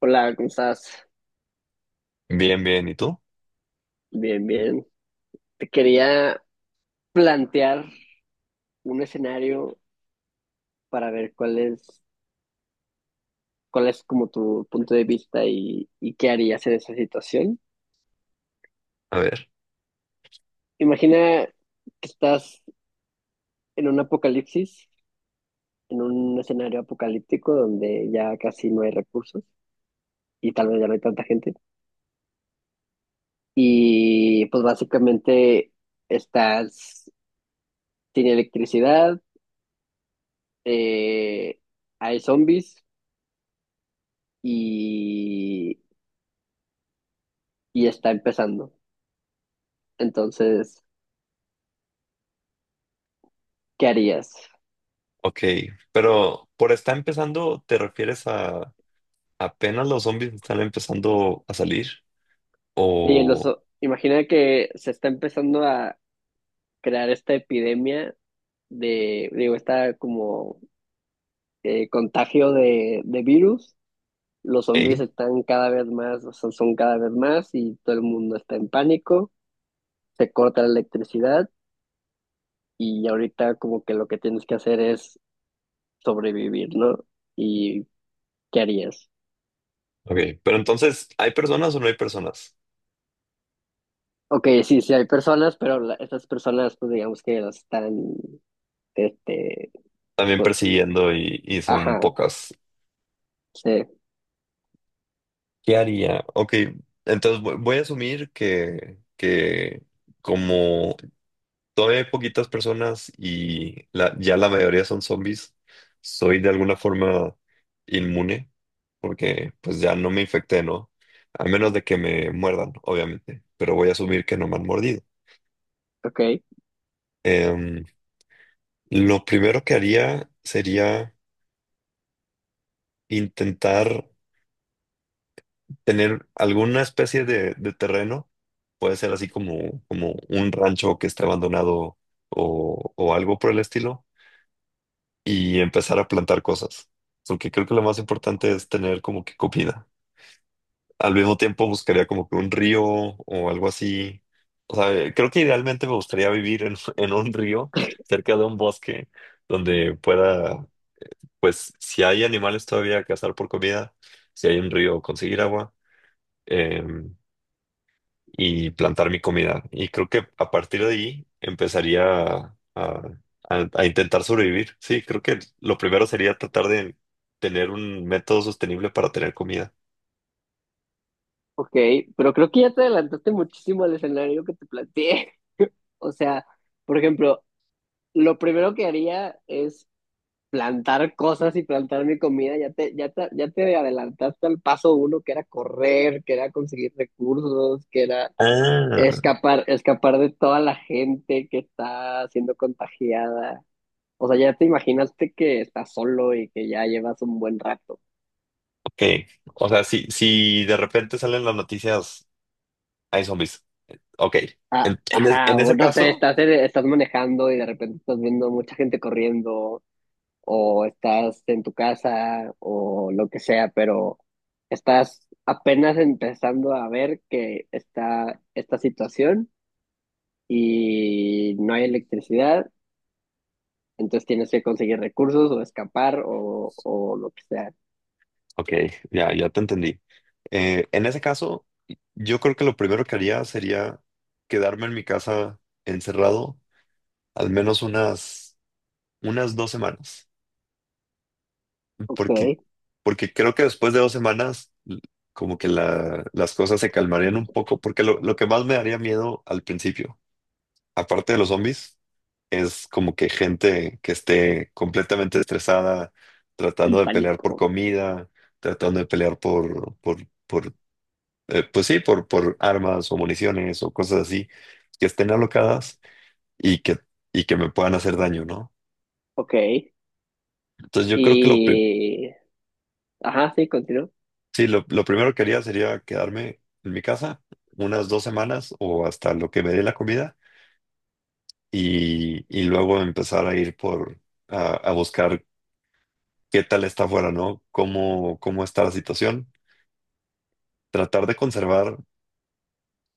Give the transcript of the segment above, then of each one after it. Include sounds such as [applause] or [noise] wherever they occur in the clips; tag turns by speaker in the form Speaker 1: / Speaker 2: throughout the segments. Speaker 1: Hola, ¿cómo estás?
Speaker 2: Bien, bien. ¿Y tú?
Speaker 1: Bien, bien. Te quería plantear un escenario para ver cuál es como tu punto de vista y qué harías en esa situación.
Speaker 2: A ver,
Speaker 1: Imagina que estás en un apocalipsis, en un escenario apocalíptico donde ya casi no hay recursos y tal vez ya no hay tanta gente. Y pues básicamente estás sin electricidad, eh, hay zombies y y está empezando. Entonces, ¿qué harías?
Speaker 2: ok. Pero por está empezando, ¿te refieres a apenas los zombies están empezando a salir?
Speaker 1: Y los,
Speaker 2: ¿O?
Speaker 1: imagina que se está empezando a crear esta epidemia de, digo, esta como contagio de virus. Los zombies
Speaker 2: Hey?
Speaker 1: están cada vez más, o sea, son cada vez más y todo el mundo está en pánico. Se corta la electricidad y ahorita como que lo que tienes que hacer es sobrevivir, ¿no? ¿Y qué harías?
Speaker 2: Ok. Pero entonces, ¿hay personas o no hay personas?
Speaker 1: Ok, sí, sí hay personas, pero la- estas personas pues digamos que las están Este,
Speaker 2: También
Speaker 1: pues,
Speaker 2: persiguiendo y son
Speaker 1: ajá,
Speaker 2: pocas.
Speaker 1: sí,
Speaker 2: ¿Qué haría? Ok. Entonces voy a asumir que como todavía hay poquitas personas y ya la mayoría son zombies, soy de alguna forma inmune. Porque pues ya no me infecté, ¿no? A menos de que me muerdan, obviamente, pero voy a asumir que no me han mordido.
Speaker 1: ok,
Speaker 2: Em, lo primero que haría sería intentar tener alguna especie de terreno, puede ser así como un rancho que esté abandonado o algo por el estilo, y empezar a plantar cosas, porque creo que lo más importante es tener como que comida. Al mismo tiempo buscaría como que un río o algo así. O sea, creo que idealmente me gustaría vivir en, [laughs] en un río cerca de un bosque donde pueda, pues, si hay animales todavía, cazar por comida, si hay un río, conseguir agua eh, y plantar mi comida. Y creo que a partir de ahí empezaría a intentar sobrevivir. Sí, creo que lo primero sería tratar de tener un método sostenible para tener comida.
Speaker 1: ok, pero creo que ya te adelantaste muchísimo al escenario que te planteé. [laughs] O sea, por ejemplo, lo primero que haría es plantar cosas y plantar mi comida. Ya te adelantaste al paso uno, que era correr, que era conseguir recursos, que era
Speaker 2: Ah.
Speaker 1: escapar, escapar de toda la gente que está siendo contagiada. O sea, ya te imaginaste que estás solo y que ya llevas un buen rato.
Speaker 2: Que, o sea, si de repente salen las noticias, hay zombies. Ok.
Speaker 1: Ah,
Speaker 2: En, en es-
Speaker 1: ajá,
Speaker 2: en
Speaker 1: o
Speaker 2: ese
Speaker 1: no sé,
Speaker 2: caso,
Speaker 1: estás, estás manejando y de repente estás viendo mucha gente corriendo, o estás en tu casa, o lo que sea, pero estás apenas empezando a ver que está esta situación y no hay electricidad, entonces tienes que conseguir recursos o escapar o lo que sea.
Speaker 2: ok, ya te entendí. En ese caso, yo creo que lo primero que haría sería quedarme en mi casa encerrado al menos unas dos semanas, porque,
Speaker 1: Ok,
Speaker 2: porque creo que después de 2 semanas, como que las cosas se calmarían un poco, porque lo que más me daría miedo al principio, aparte de los zombies, es como que gente que esté completamente estresada,
Speaker 1: en
Speaker 2: tratando de pelear por
Speaker 1: pánico.
Speaker 2: comida, tratando de pelear por pues sí, por armas o municiones o cosas así, que estén alocadas y que, y que me puedan hacer daño, ¿no?
Speaker 1: Ok,
Speaker 2: Entonces yo creo que lo, pri-
Speaker 1: y... Ajá, sí, continúo.
Speaker 2: sí, lo, lo primero que haría sería quedarme en mi casa unas 2 semanas o hasta lo que me dé la comida, y luego empezar a ir por. A buscar qué tal está afuera, ¿no? ¿Cómo está la situación? Tratar de conservar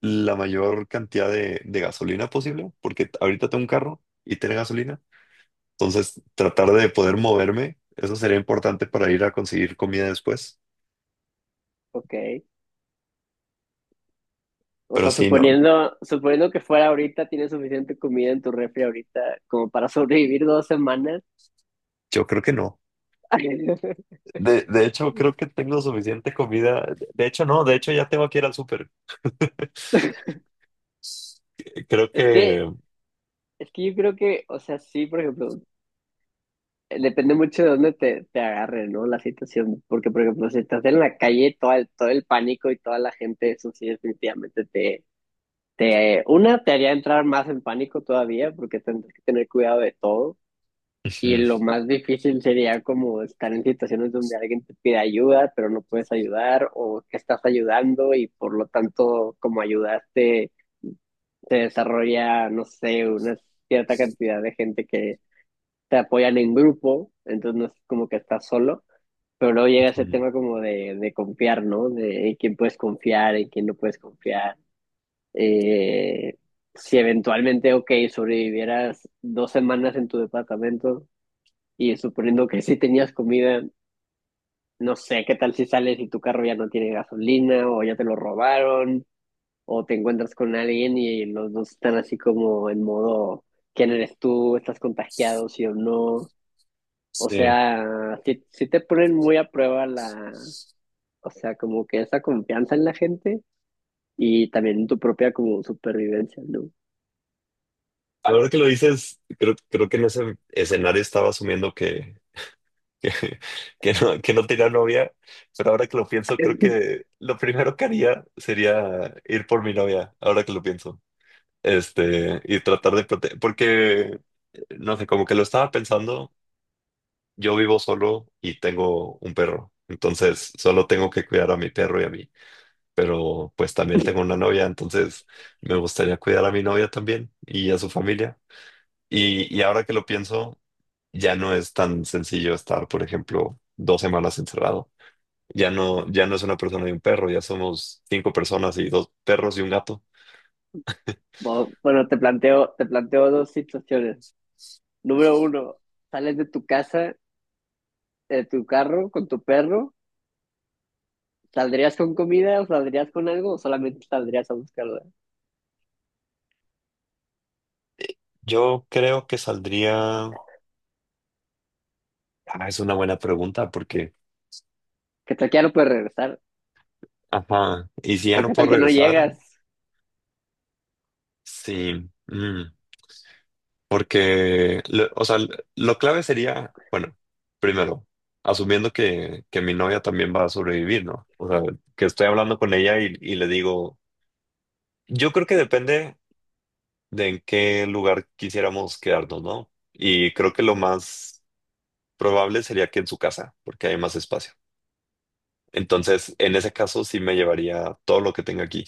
Speaker 2: la mayor cantidad de gasolina posible, porque ahorita tengo un carro y tiene gasolina. Entonces, tratar de poder moverme, eso sería importante para ir a conseguir comida después.
Speaker 1: Ok. O
Speaker 2: Pero
Speaker 1: sea,
Speaker 2: sí, no,
Speaker 1: suponiendo, suponiendo que fuera ahorita, tienes suficiente comida en tu refri ahorita como para sobrevivir 2 semanas.
Speaker 2: yo creo que no.
Speaker 1: [laughs]
Speaker 2: De hecho, creo que tengo suficiente comida. De hecho, no, de hecho ya tengo que ir al súper. Creo
Speaker 1: Es
Speaker 2: que.
Speaker 1: que, es que yo creo que, o sea, sí, por ejemplo, depende mucho de dónde te, te agarre, ¿no? La situación. Porque, por ejemplo, si estás en la calle, todo el pánico y toda la gente, eso sí, definitivamente te, te, una, te haría entrar más en pánico todavía, porque tendrías que tener cuidado de todo. Y
Speaker 2: Ujú,
Speaker 1: lo más difícil sería como estar en situaciones donde alguien te pide ayuda, pero no puedes ayudar o que estás ayudando y por lo tanto, como ayudaste, se desarrolla, no sé, una cierta cantidad de gente que te apoyan en grupo, entonces no es como que estás solo, pero luego llega ese
Speaker 2: ujú.
Speaker 1: tema como de confiar, ¿no? De en quién puedes confiar, en quién no puedes confiar. Eh, si eventualmente, ok, sobrevivieras 2 semanas en tu departamento, y suponiendo que sí tenías comida, no sé, ¿qué tal si sales y tu carro ya no tiene gasolina o ya te lo robaron o te encuentras con alguien y los dos están así como en modo, ¿quién eres tú? ¿Estás contagiado, sí o no? O
Speaker 2: Sí.
Speaker 1: sea, sí, sí te ponen muy a prueba la, o sea, como que esa confianza en la gente y también tu propia como supervivencia, ¿no?
Speaker 2: Ahora que lo dices, creo que en ese escenario estaba asumiendo que, [laughs] que no tenía novia, pero ahora que lo pienso, creo
Speaker 1: Eh,
Speaker 2: que lo primero que haría sería ir por mi novia, ahora que lo pienso, y tratar de proteger, porque, no sé, como que lo estaba pensando, yo vivo solo y tengo un perro, entonces solo tengo que cuidar a mi perro y a mí, pero pues también tengo una novia, entonces me gustaría cuidar a mi novia también y a su familia. Y ahora que lo pienso, ya no es tan sencillo estar, por ejemplo, 2 semanas encerrado. Ya no, ya no es una persona y un perro, ya somos 5 personas y 2 perros y un gato.
Speaker 1: Bo- Bueno, te planteo dos situaciones. Número uno, sales de tu casa, de tu carro con tu perro. ¿Saldrías con comida o saldrías con algo o solamente saldrías a buscarla?
Speaker 2: Yo creo que saldría. Ah, es una buena pregunta porque,
Speaker 1: ¿Qué tal que ya no puedes regresar?
Speaker 2: ajá, y si ya
Speaker 1: ¿O
Speaker 2: no
Speaker 1: qué
Speaker 2: puedo
Speaker 1: tal que no
Speaker 2: regresar,
Speaker 1: llegas
Speaker 2: sí, porque, o sea, lo clave sería, bueno, primero, asumiendo que mi novia también va a sobrevivir, ¿no? O sea, que estoy hablando con ella y le digo, yo creo que depende de en qué lugar quisiéramos quedarnos, ¿no? Y creo que lo más probable sería que en su casa, porque hay más espacio. Entonces, en ese caso sí me llevaría todo lo que tenga aquí.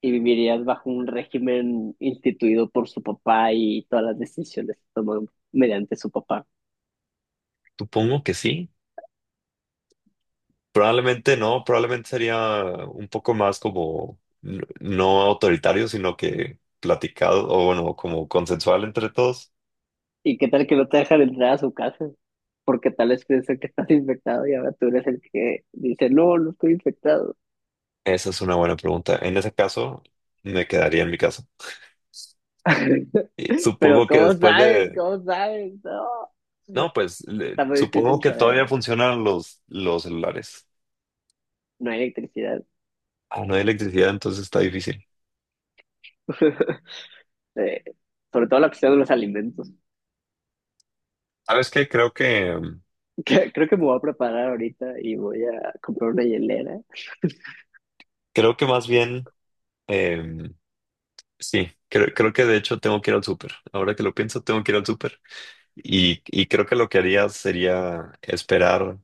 Speaker 1: y vivirías bajo un régimen instituido por su papá y todas las decisiones que toman mediante su papá?
Speaker 2: Supongo que sí. Probablemente no, probablemente sería un poco más como no autoritario, sino que platicado o bueno, como consensual entre todos.
Speaker 1: ¿Y qué tal que no te dejan entrar a su casa? Porque tal vez piensan que estás infectado y ahora tú eres el que dice, no, no estoy infectado.
Speaker 2: Esa es una buena pregunta. En ese caso, me quedaría en mi casa. Y
Speaker 1: [laughs] Pero
Speaker 2: supongo que
Speaker 1: ¿cómo
Speaker 2: después
Speaker 1: sabes?
Speaker 2: de.
Speaker 1: ¿Cómo sabes? No.
Speaker 2: No, pues
Speaker 1: Está muy
Speaker 2: supongo
Speaker 1: difícil
Speaker 2: que
Speaker 1: saber.
Speaker 2: todavía funcionan los celulares.
Speaker 1: No hay electricidad.
Speaker 2: Ah, no hay electricidad, entonces está difícil.
Speaker 1: [laughs] Eh, sobre todo la cuestión de los alimentos.
Speaker 2: ¿Sabes qué? Creo que.
Speaker 1: Que- Creo que me voy a preparar ahorita y voy a comprar una hielera.
Speaker 2: Creo que más bien, em, sí, creo que de hecho tengo que ir al súper. Ahora que lo pienso, tengo que ir al súper. Y creo que lo que haría sería esperar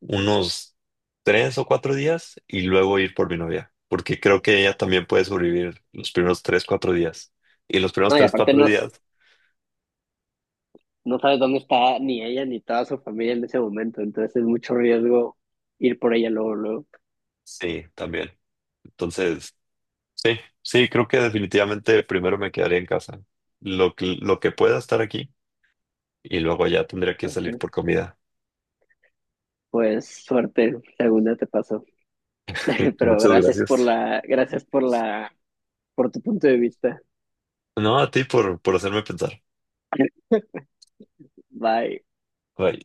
Speaker 2: unos 3 o 4 días y luego ir por mi novia, porque creo que ella también puede sobrevivir los primeros 3, 4 días. Y los primeros
Speaker 1: No, y
Speaker 2: tres,
Speaker 1: aparte
Speaker 2: cuatro
Speaker 1: no, s-
Speaker 2: días,
Speaker 1: no sabes dónde está ni ella ni toda su familia en ese momento, entonces es mucho riesgo ir por ella luego, luego.
Speaker 2: sí, también. Entonces, sí, sí, creo que definitivamente primero me quedaría en casa. Lo que pueda estar aquí y luego ya tendría que
Speaker 1: Pues,
Speaker 2: salir por comida.
Speaker 1: pues suerte, segunda te pasó. [laughs] Pero
Speaker 2: Muchas gracias.
Speaker 1: gracias por la, por tu punto de vista.
Speaker 2: No, a ti por hacerme pensar.
Speaker 1: Bye.
Speaker 2: Bye.